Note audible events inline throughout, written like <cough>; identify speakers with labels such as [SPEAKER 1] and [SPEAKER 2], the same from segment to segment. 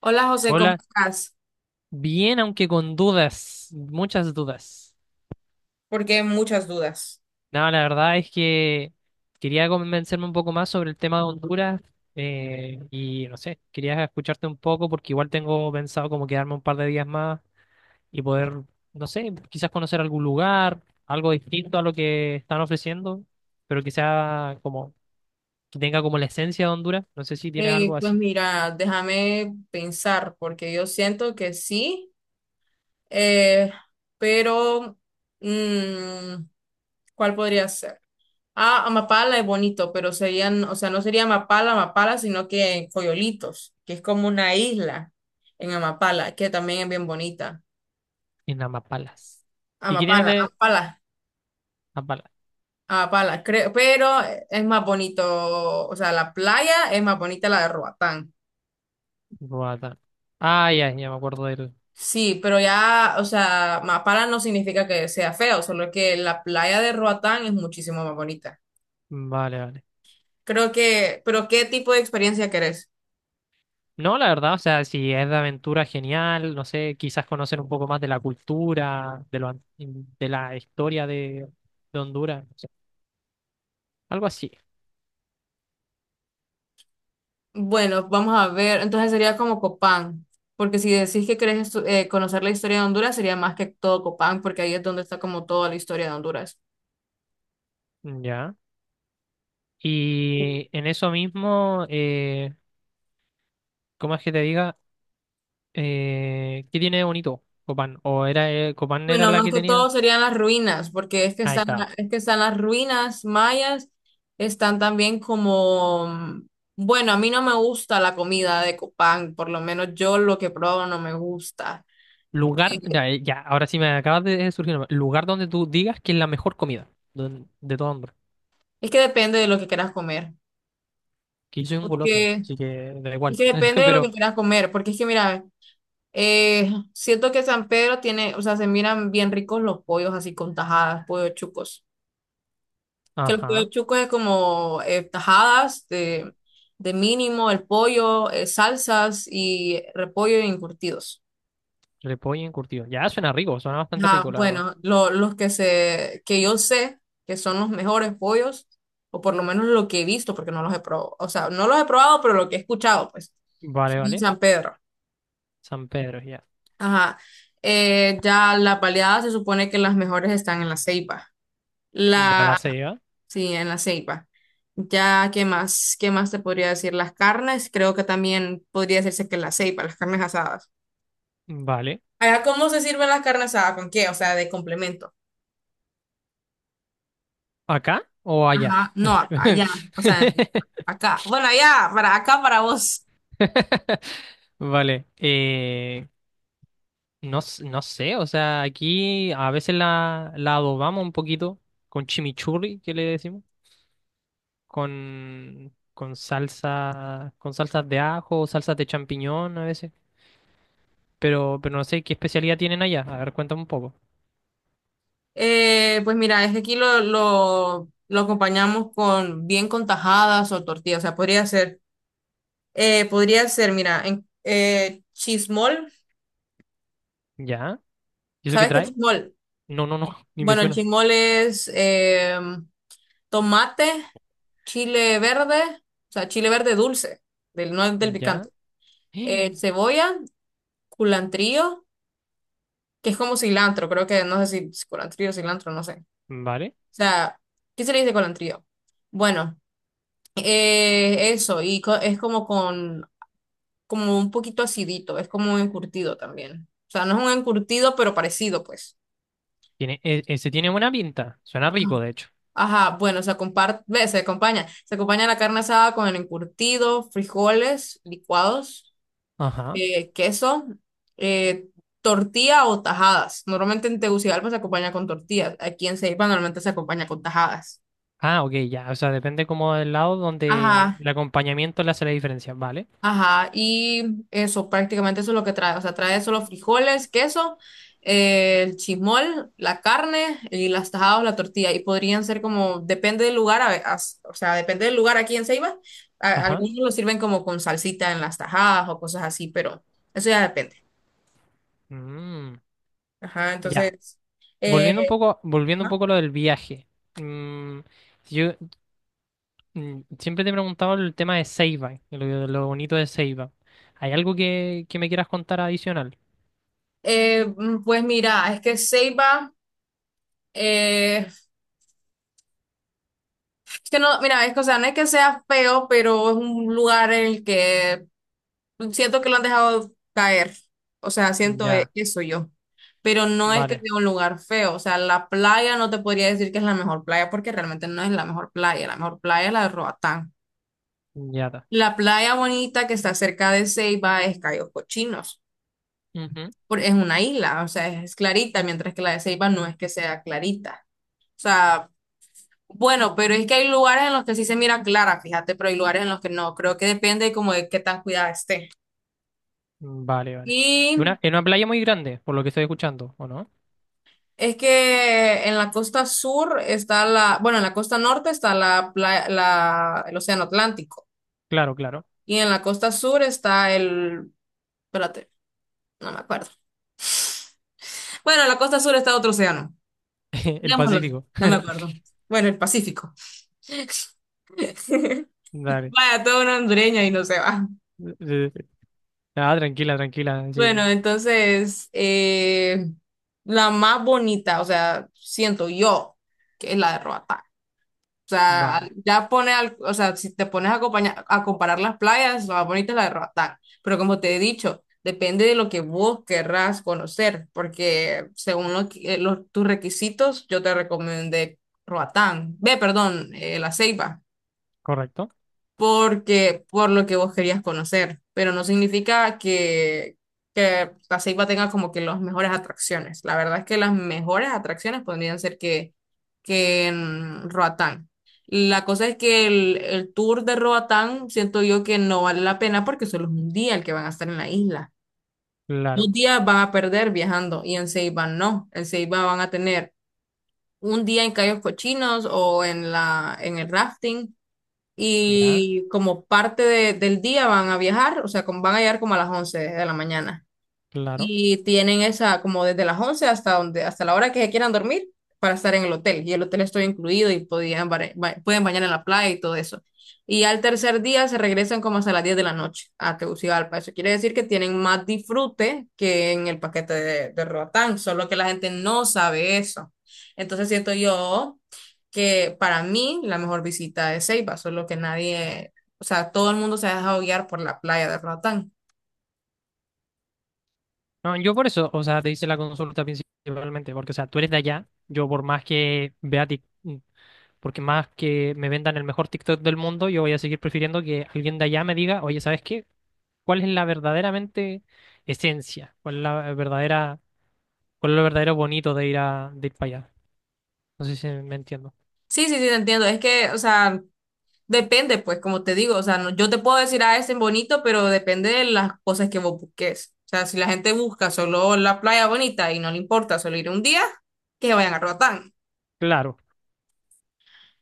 [SPEAKER 1] Hola José, ¿cómo
[SPEAKER 2] Hola,
[SPEAKER 1] estás?
[SPEAKER 2] bien, aunque con dudas, muchas dudas.
[SPEAKER 1] Porque muchas dudas.
[SPEAKER 2] No, la verdad es que quería convencerme un poco más sobre el tema de Honduras y no sé, quería escucharte un poco porque igual tengo pensado como quedarme un par de días más y poder, no sé, quizás conocer algún lugar, algo distinto a lo que están ofreciendo, pero que sea como, que tenga como la esencia de Honduras. ¿No sé si tienes algo
[SPEAKER 1] Pues
[SPEAKER 2] así
[SPEAKER 1] mira, déjame pensar, porque yo siento que sí, eh, pero mm, ¿cuál podría ser? Ah, Amapala es bonito, pero serían, o sea, no sería Amapala, Amapala, sino que en Coyolitos, que es como una isla en Amapala, que también es bien bonita.
[SPEAKER 2] en Amapalas? ¿Y qué tienen
[SPEAKER 1] Amapala,
[SPEAKER 2] de
[SPEAKER 1] Amapala,
[SPEAKER 2] Amapalas?
[SPEAKER 1] Amapala, creo, pero es más bonito, o sea, la playa es más bonita la de Roatán.
[SPEAKER 2] Roatán. Ah, ya, ya me acuerdo
[SPEAKER 1] Sí, pero ya, o sea, Mapala no significa que sea feo, solo que la playa de Roatán es muchísimo más bonita.
[SPEAKER 2] vale, vale.
[SPEAKER 1] Creo que, pero ¿qué tipo de experiencia querés?
[SPEAKER 2] No, la verdad, o sea, si es de aventura, genial, no sé, quizás conocer un poco más de la cultura, de la historia de Honduras, no sé, algo así.
[SPEAKER 1] Bueno, vamos a ver, entonces sería como Copán, porque si decís que querés conocer la historia de Honduras, sería más que todo Copán, porque ahí es donde está como toda la historia de Honduras.
[SPEAKER 2] Ya. Y en eso mismo, ¿cómo es que te diga? ¿Qué tiene de bonito Copán? ¿O era Copán era
[SPEAKER 1] Bueno,
[SPEAKER 2] la
[SPEAKER 1] más
[SPEAKER 2] que
[SPEAKER 1] que todo
[SPEAKER 2] tenía?
[SPEAKER 1] serían las ruinas, porque
[SPEAKER 2] Ahí está.
[SPEAKER 1] es que están las ruinas mayas, están también como, bueno, a mí no me gusta la comida de Copán, por lo menos yo lo que probo no me gusta.
[SPEAKER 2] Lugar,
[SPEAKER 1] Eh,
[SPEAKER 2] ya, ya, ahora sí me acabas de surgir. Lugar donde tú digas que es la mejor comida de todo hombre.
[SPEAKER 1] Es que depende de lo que quieras comer,
[SPEAKER 2] Que yo soy un goloso,
[SPEAKER 1] porque
[SPEAKER 2] así que da
[SPEAKER 1] es
[SPEAKER 2] igual.
[SPEAKER 1] que depende
[SPEAKER 2] <laughs>
[SPEAKER 1] de lo que
[SPEAKER 2] Pero
[SPEAKER 1] quieras comer, porque es que mira, siento que San Pedro tiene, o sea, se miran bien ricos los pollos así con tajadas, pollos chucos. Que los pollo
[SPEAKER 2] ajá,
[SPEAKER 1] chucos es como tajadas de mínimo, el pollo, salsas y repollo y encurtidos.
[SPEAKER 2] repollo encurtido. Ya suena rico, suena bastante
[SPEAKER 1] Ajá,
[SPEAKER 2] rico, la verdad.
[SPEAKER 1] bueno, los que se, que yo sé que son los mejores pollos, o por lo menos lo que he visto, porque no los he probado, o sea, no los he probado, pero lo que he escuchado, pues,
[SPEAKER 2] Vale,
[SPEAKER 1] en
[SPEAKER 2] vale.
[SPEAKER 1] San Pedro.
[SPEAKER 2] San Pedro, ya.
[SPEAKER 1] Ajá. Ya la baleadas se supone que las mejores están en la Ceiba.
[SPEAKER 2] Ya la se lleva.
[SPEAKER 1] Sí, en la ceiba. Ya, ¿qué más? ¿Qué más te podría decir? Las carnes, creo que también podría decirse que en la ceiba, las carnes asadas.
[SPEAKER 2] Vale.
[SPEAKER 1] Allá, ¿cómo se sirven las carnes asadas? ¿Con qué? O sea, de complemento.
[SPEAKER 2] ¿Acá o allá?
[SPEAKER 1] Ajá, no, allá,
[SPEAKER 2] <laughs>
[SPEAKER 1] o sea, acá. Bueno, allá, para acá, para vos.
[SPEAKER 2] <laughs> Vale. No, no sé, o sea, aquí a veces la adobamos un poquito con chimichurri, que le decimos, con salsa, con salsas de ajo, salsas de champiñón a veces. Pero no sé qué especialidad tienen allá. A ver, cuéntame un poco.
[SPEAKER 1] Pues mira, es que aquí lo lo acompañamos con bien con tajadas o tortillas. O sea, podría ser, mira, en, chismol.
[SPEAKER 2] ¿Ya? ¿Y eso qué
[SPEAKER 1] ¿Sabes qué es
[SPEAKER 2] trae?
[SPEAKER 1] chismol?
[SPEAKER 2] No, no, no, <laughs> ni me
[SPEAKER 1] Bueno, el
[SPEAKER 2] suena.
[SPEAKER 1] chismol es, tomate, chile verde, o sea, chile verde dulce, del, no del
[SPEAKER 2] Ya.
[SPEAKER 1] picante,
[SPEAKER 2] <gasps>
[SPEAKER 1] cebolla, culantrío, que es como cilantro, creo que no sé si es culantrío, cilantro, no sé. O
[SPEAKER 2] Vale.
[SPEAKER 1] sea, ¿qué se le dice culantrío? Bueno, eso, y es como con, como un poquito acidito, es como un encurtido también. O sea, no es un encurtido, pero parecido, pues.
[SPEAKER 2] Tiene, ese tiene buena pinta. Suena rico, de hecho.
[SPEAKER 1] Ajá, bueno, se comparte, se acompaña. Se acompaña la carne asada con el encurtido, frijoles licuados,
[SPEAKER 2] Ajá.
[SPEAKER 1] queso, eh, tortilla o tajadas. Normalmente en Tegucigalpa se acompaña con tortillas. Aquí en Ceiba normalmente se acompaña con tajadas.
[SPEAKER 2] Ah, ok, ya. O sea, depende como del lado donde
[SPEAKER 1] Ajá,
[SPEAKER 2] el acompañamiento le hace la diferencia. Vale.
[SPEAKER 1] ajá. Y eso, prácticamente eso es lo que trae. O sea, trae solo frijoles, queso, el chismol, la carne y las tajadas o la tortilla. Y podrían ser como, depende del lugar, o sea, depende del lugar aquí en Ceiba.
[SPEAKER 2] Ajá.
[SPEAKER 1] Algunos lo sirven como con salsita en las tajadas o cosas así, pero eso ya depende.
[SPEAKER 2] Mm,
[SPEAKER 1] Ajá,
[SPEAKER 2] ya.
[SPEAKER 1] entonces, eh,
[SPEAKER 2] Volviendo un poco a lo del viaje. Mm, si yo siempre te he preguntado el tema de Seiba, lo bonito de Seiba. ¿Hay algo que me quieras contar adicional?
[SPEAKER 1] Pues mira, es que Ceiba, eh, es que no, mira, es que, o sea, no es que sea feo, pero es un lugar en el que siento que lo han dejado caer. O sea, siento
[SPEAKER 2] Ya,
[SPEAKER 1] eso yo. Pero no es que
[SPEAKER 2] vale.
[SPEAKER 1] sea un lugar feo. O sea, la playa no te podría decir que es la mejor playa porque realmente no es la mejor playa. La mejor playa es la de Roatán.
[SPEAKER 2] Ya
[SPEAKER 1] La playa bonita que está cerca de Ceiba es Cayos Cochinos.
[SPEAKER 2] está.
[SPEAKER 1] Es una isla, o sea, es clarita, mientras que la de Ceiba no es que sea clarita. O sea, bueno, pero es que hay lugares en los que sí se mira clara, fíjate, pero hay lugares en los que no. Creo que depende como de qué tan cuidada esté.
[SPEAKER 2] Vale, vale.
[SPEAKER 1] Y
[SPEAKER 2] En una playa muy grande, por lo que estoy escuchando, ¿o no?
[SPEAKER 1] es que en la costa sur está la, bueno, en la costa norte está la, el Océano Atlántico.
[SPEAKER 2] Claro, claro.
[SPEAKER 1] Y en la costa sur está el, espérate, no me acuerdo. Bueno, en la costa sur está otro océano.
[SPEAKER 2] <laughs> El
[SPEAKER 1] Digámoslo,
[SPEAKER 2] Pacífico.
[SPEAKER 1] no me
[SPEAKER 2] <laughs>
[SPEAKER 1] acuerdo. Bueno, el Pacífico. <laughs>
[SPEAKER 2] Dale.
[SPEAKER 1] Vaya, toda una hondureña y no se va.
[SPEAKER 2] Eh, Ah, tranquila, tranquila.
[SPEAKER 1] Bueno,
[SPEAKER 2] Sí.
[SPEAKER 1] entonces, la más bonita, o sea, siento yo que es la de Roatán. O sea,
[SPEAKER 2] Vale.
[SPEAKER 1] o sea, si te pones a, a comparar las playas, la más bonita es la de Roatán. Pero como te he dicho, depende de lo que vos querrás conocer, porque según los, tus requisitos, yo te recomendé Roatán. Ve, perdón, La Ceiba
[SPEAKER 2] Correcto.
[SPEAKER 1] porque por lo que vos querías conocer, pero no significa que la ceiba tenga como que las mejores atracciones. La verdad es que las mejores atracciones podrían ser que en Roatán. La cosa es que el tour de Roatán siento yo que no vale la pena porque solo es un día el que van a estar en la isla.
[SPEAKER 2] Claro.
[SPEAKER 1] Dos días van a perder viajando y en Ceiba no. En Ceiba van a tener un día en Cayos Cochinos o en la, en el rafting
[SPEAKER 2] Ya.
[SPEAKER 1] y como del día van a viajar, o sea, van a llegar como a las 11 de la mañana.
[SPEAKER 2] Claro.
[SPEAKER 1] Y tienen esa como desde las 11 hasta donde, hasta la hora que se quieran dormir para estar en el hotel. Y el hotel estoy incluido y podían, pueden bañar en la playa y todo eso. Y al tercer día se regresan como hasta las 10 de la noche a Tegucigalpa. Eso quiere decir que tienen más disfrute que en el paquete de Roatán, solo que la gente no sabe eso. Entonces siento yo que para mí la mejor visita es Ceiba, solo que nadie, o sea, todo el mundo se ha dejado guiar por la playa de Roatán.
[SPEAKER 2] No, yo por eso, o sea, te hice la consulta principalmente, porque, o sea, tú eres de allá. Yo por más que vea porque más que me vendan el mejor TikTok del mundo, yo voy a seguir prefiriendo que alguien de allá me diga, oye, ¿sabes qué? ¿Cuál es la verdaderamente esencia? ¿Cuál es la verdadera ¿cuál es lo verdadero bonito de ir de ir para allá? No sé si me entiendo.
[SPEAKER 1] Sí, sí, sí, te entiendo. Es que, o sea, depende, pues, como te digo, o sea, yo te puedo decir, ah, es en bonito, pero depende de las cosas que vos busques. O sea, si la gente busca solo la playa bonita y no le importa solo ir un día, que se vayan a Roatán.
[SPEAKER 2] Claro.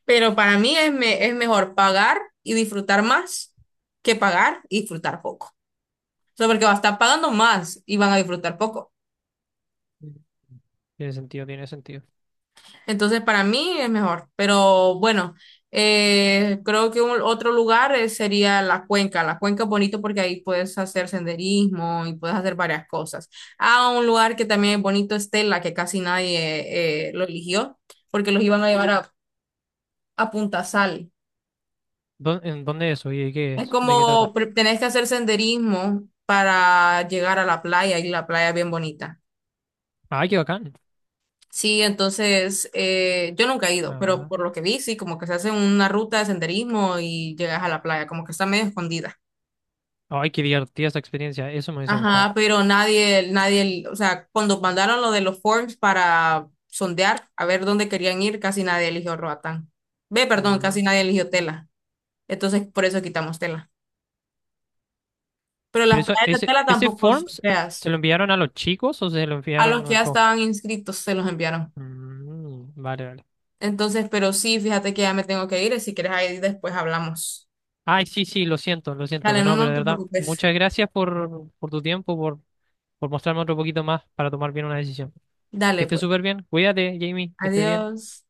[SPEAKER 1] Pero para mí es, es mejor pagar y disfrutar más que pagar y disfrutar poco. O sea, porque vas a estar pagando más y van a disfrutar poco.
[SPEAKER 2] Tiene sentido, tiene sentido.
[SPEAKER 1] Entonces, para mí es mejor. Pero bueno, creo que otro lugar sería la cuenca. La cuenca es bonito porque ahí puedes hacer senderismo y puedes hacer varias cosas. Ah, un lugar que también es bonito es Tela, que casi nadie lo eligió porque los iban a llevar a Punta Sal.
[SPEAKER 2] ¿Dó- ¿en dónde es eso y de qué
[SPEAKER 1] Es
[SPEAKER 2] es? ¿De qué
[SPEAKER 1] como
[SPEAKER 2] trata?
[SPEAKER 1] tenés que hacer senderismo para llegar a la playa y la playa es bien bonita.
[SPEAKER 2] Ay, qué bacán.
[SPEAKER 1] Sí, entonces yo nunca he ido, pero
[SPEAKER 2] Bla,
[SPEAKER 1] por lo que vi, sí, como que se hace una ruta de senderismo y llegas a la playa, como que está medio escondida.
[SPEAKER 2] ay, qué divertida esa experiencia. Eso me hubiese gustado.
[SPEAKER 1] Ajá, pero nadie, nadie, o sea, cuando mandaron lo de los forms para sondear a ver dónde querían ir, casi nadie eligió Roatán. Ve, perdón,
[SPEAKER 2] Mm.
[SPEAKER 1] casi nadie eligió Tela. Entonces, por eso quitamos Tela. Pero
[SPEAKER 2] Pero
[SPEAKER 1] las
[SPEAKER 2] eso,
[SPEAKER 1] playas de Tela
[SPEAKER 2] ese
[SPEAKER 1] tampoco son
[SPEAKER 2] forms, ¿se
[SPEAKER 1] feas.
[SPEAKER 2] lo enviaron a los chicos o se lo
[SPEAKER 1] A los
[SPEAKER 2] enviaron
[SPEAKER 1] que
[SPEAKER 2] a
[SPEAKER 1] ya
[SPEAKER 2] co-
[SPEAKER 1] estaban inscritos se los enviaron.
[SPEAKER 2] Mm, vale, vale.
[SPEAKER 1] Entonces, pero sí, fíjate que ya me tengo que ir, y si quieres ahí después hablamos.
[SPEAKER 2] Ay, sí, sí, lo siento, lo siento.
[SPEAKER 1] Dale,
[SPEAKER 2] Pero
[SPEAKER 1] no,
[SPEAKER 2] no, pero
[SPEAKER 1] no
[SPEAKER 2] de
[SPEAKER 1] te
[SPEAKER 2] verdad,
[SPEAKER 1] preocupes.
[SPEAKER 2] muchas gracias por tu tiempo, por mostrarme otro poquito más para tomar bien una decisión. Que
[SPEAKER 1] Dale,
[SPEAKER 2] estés
[SPEAKER 1] pues.
[SPEAKER 2] súper bien. Cuídate, Jamie, que estés bien.
[SPEAKER 1] Adiós.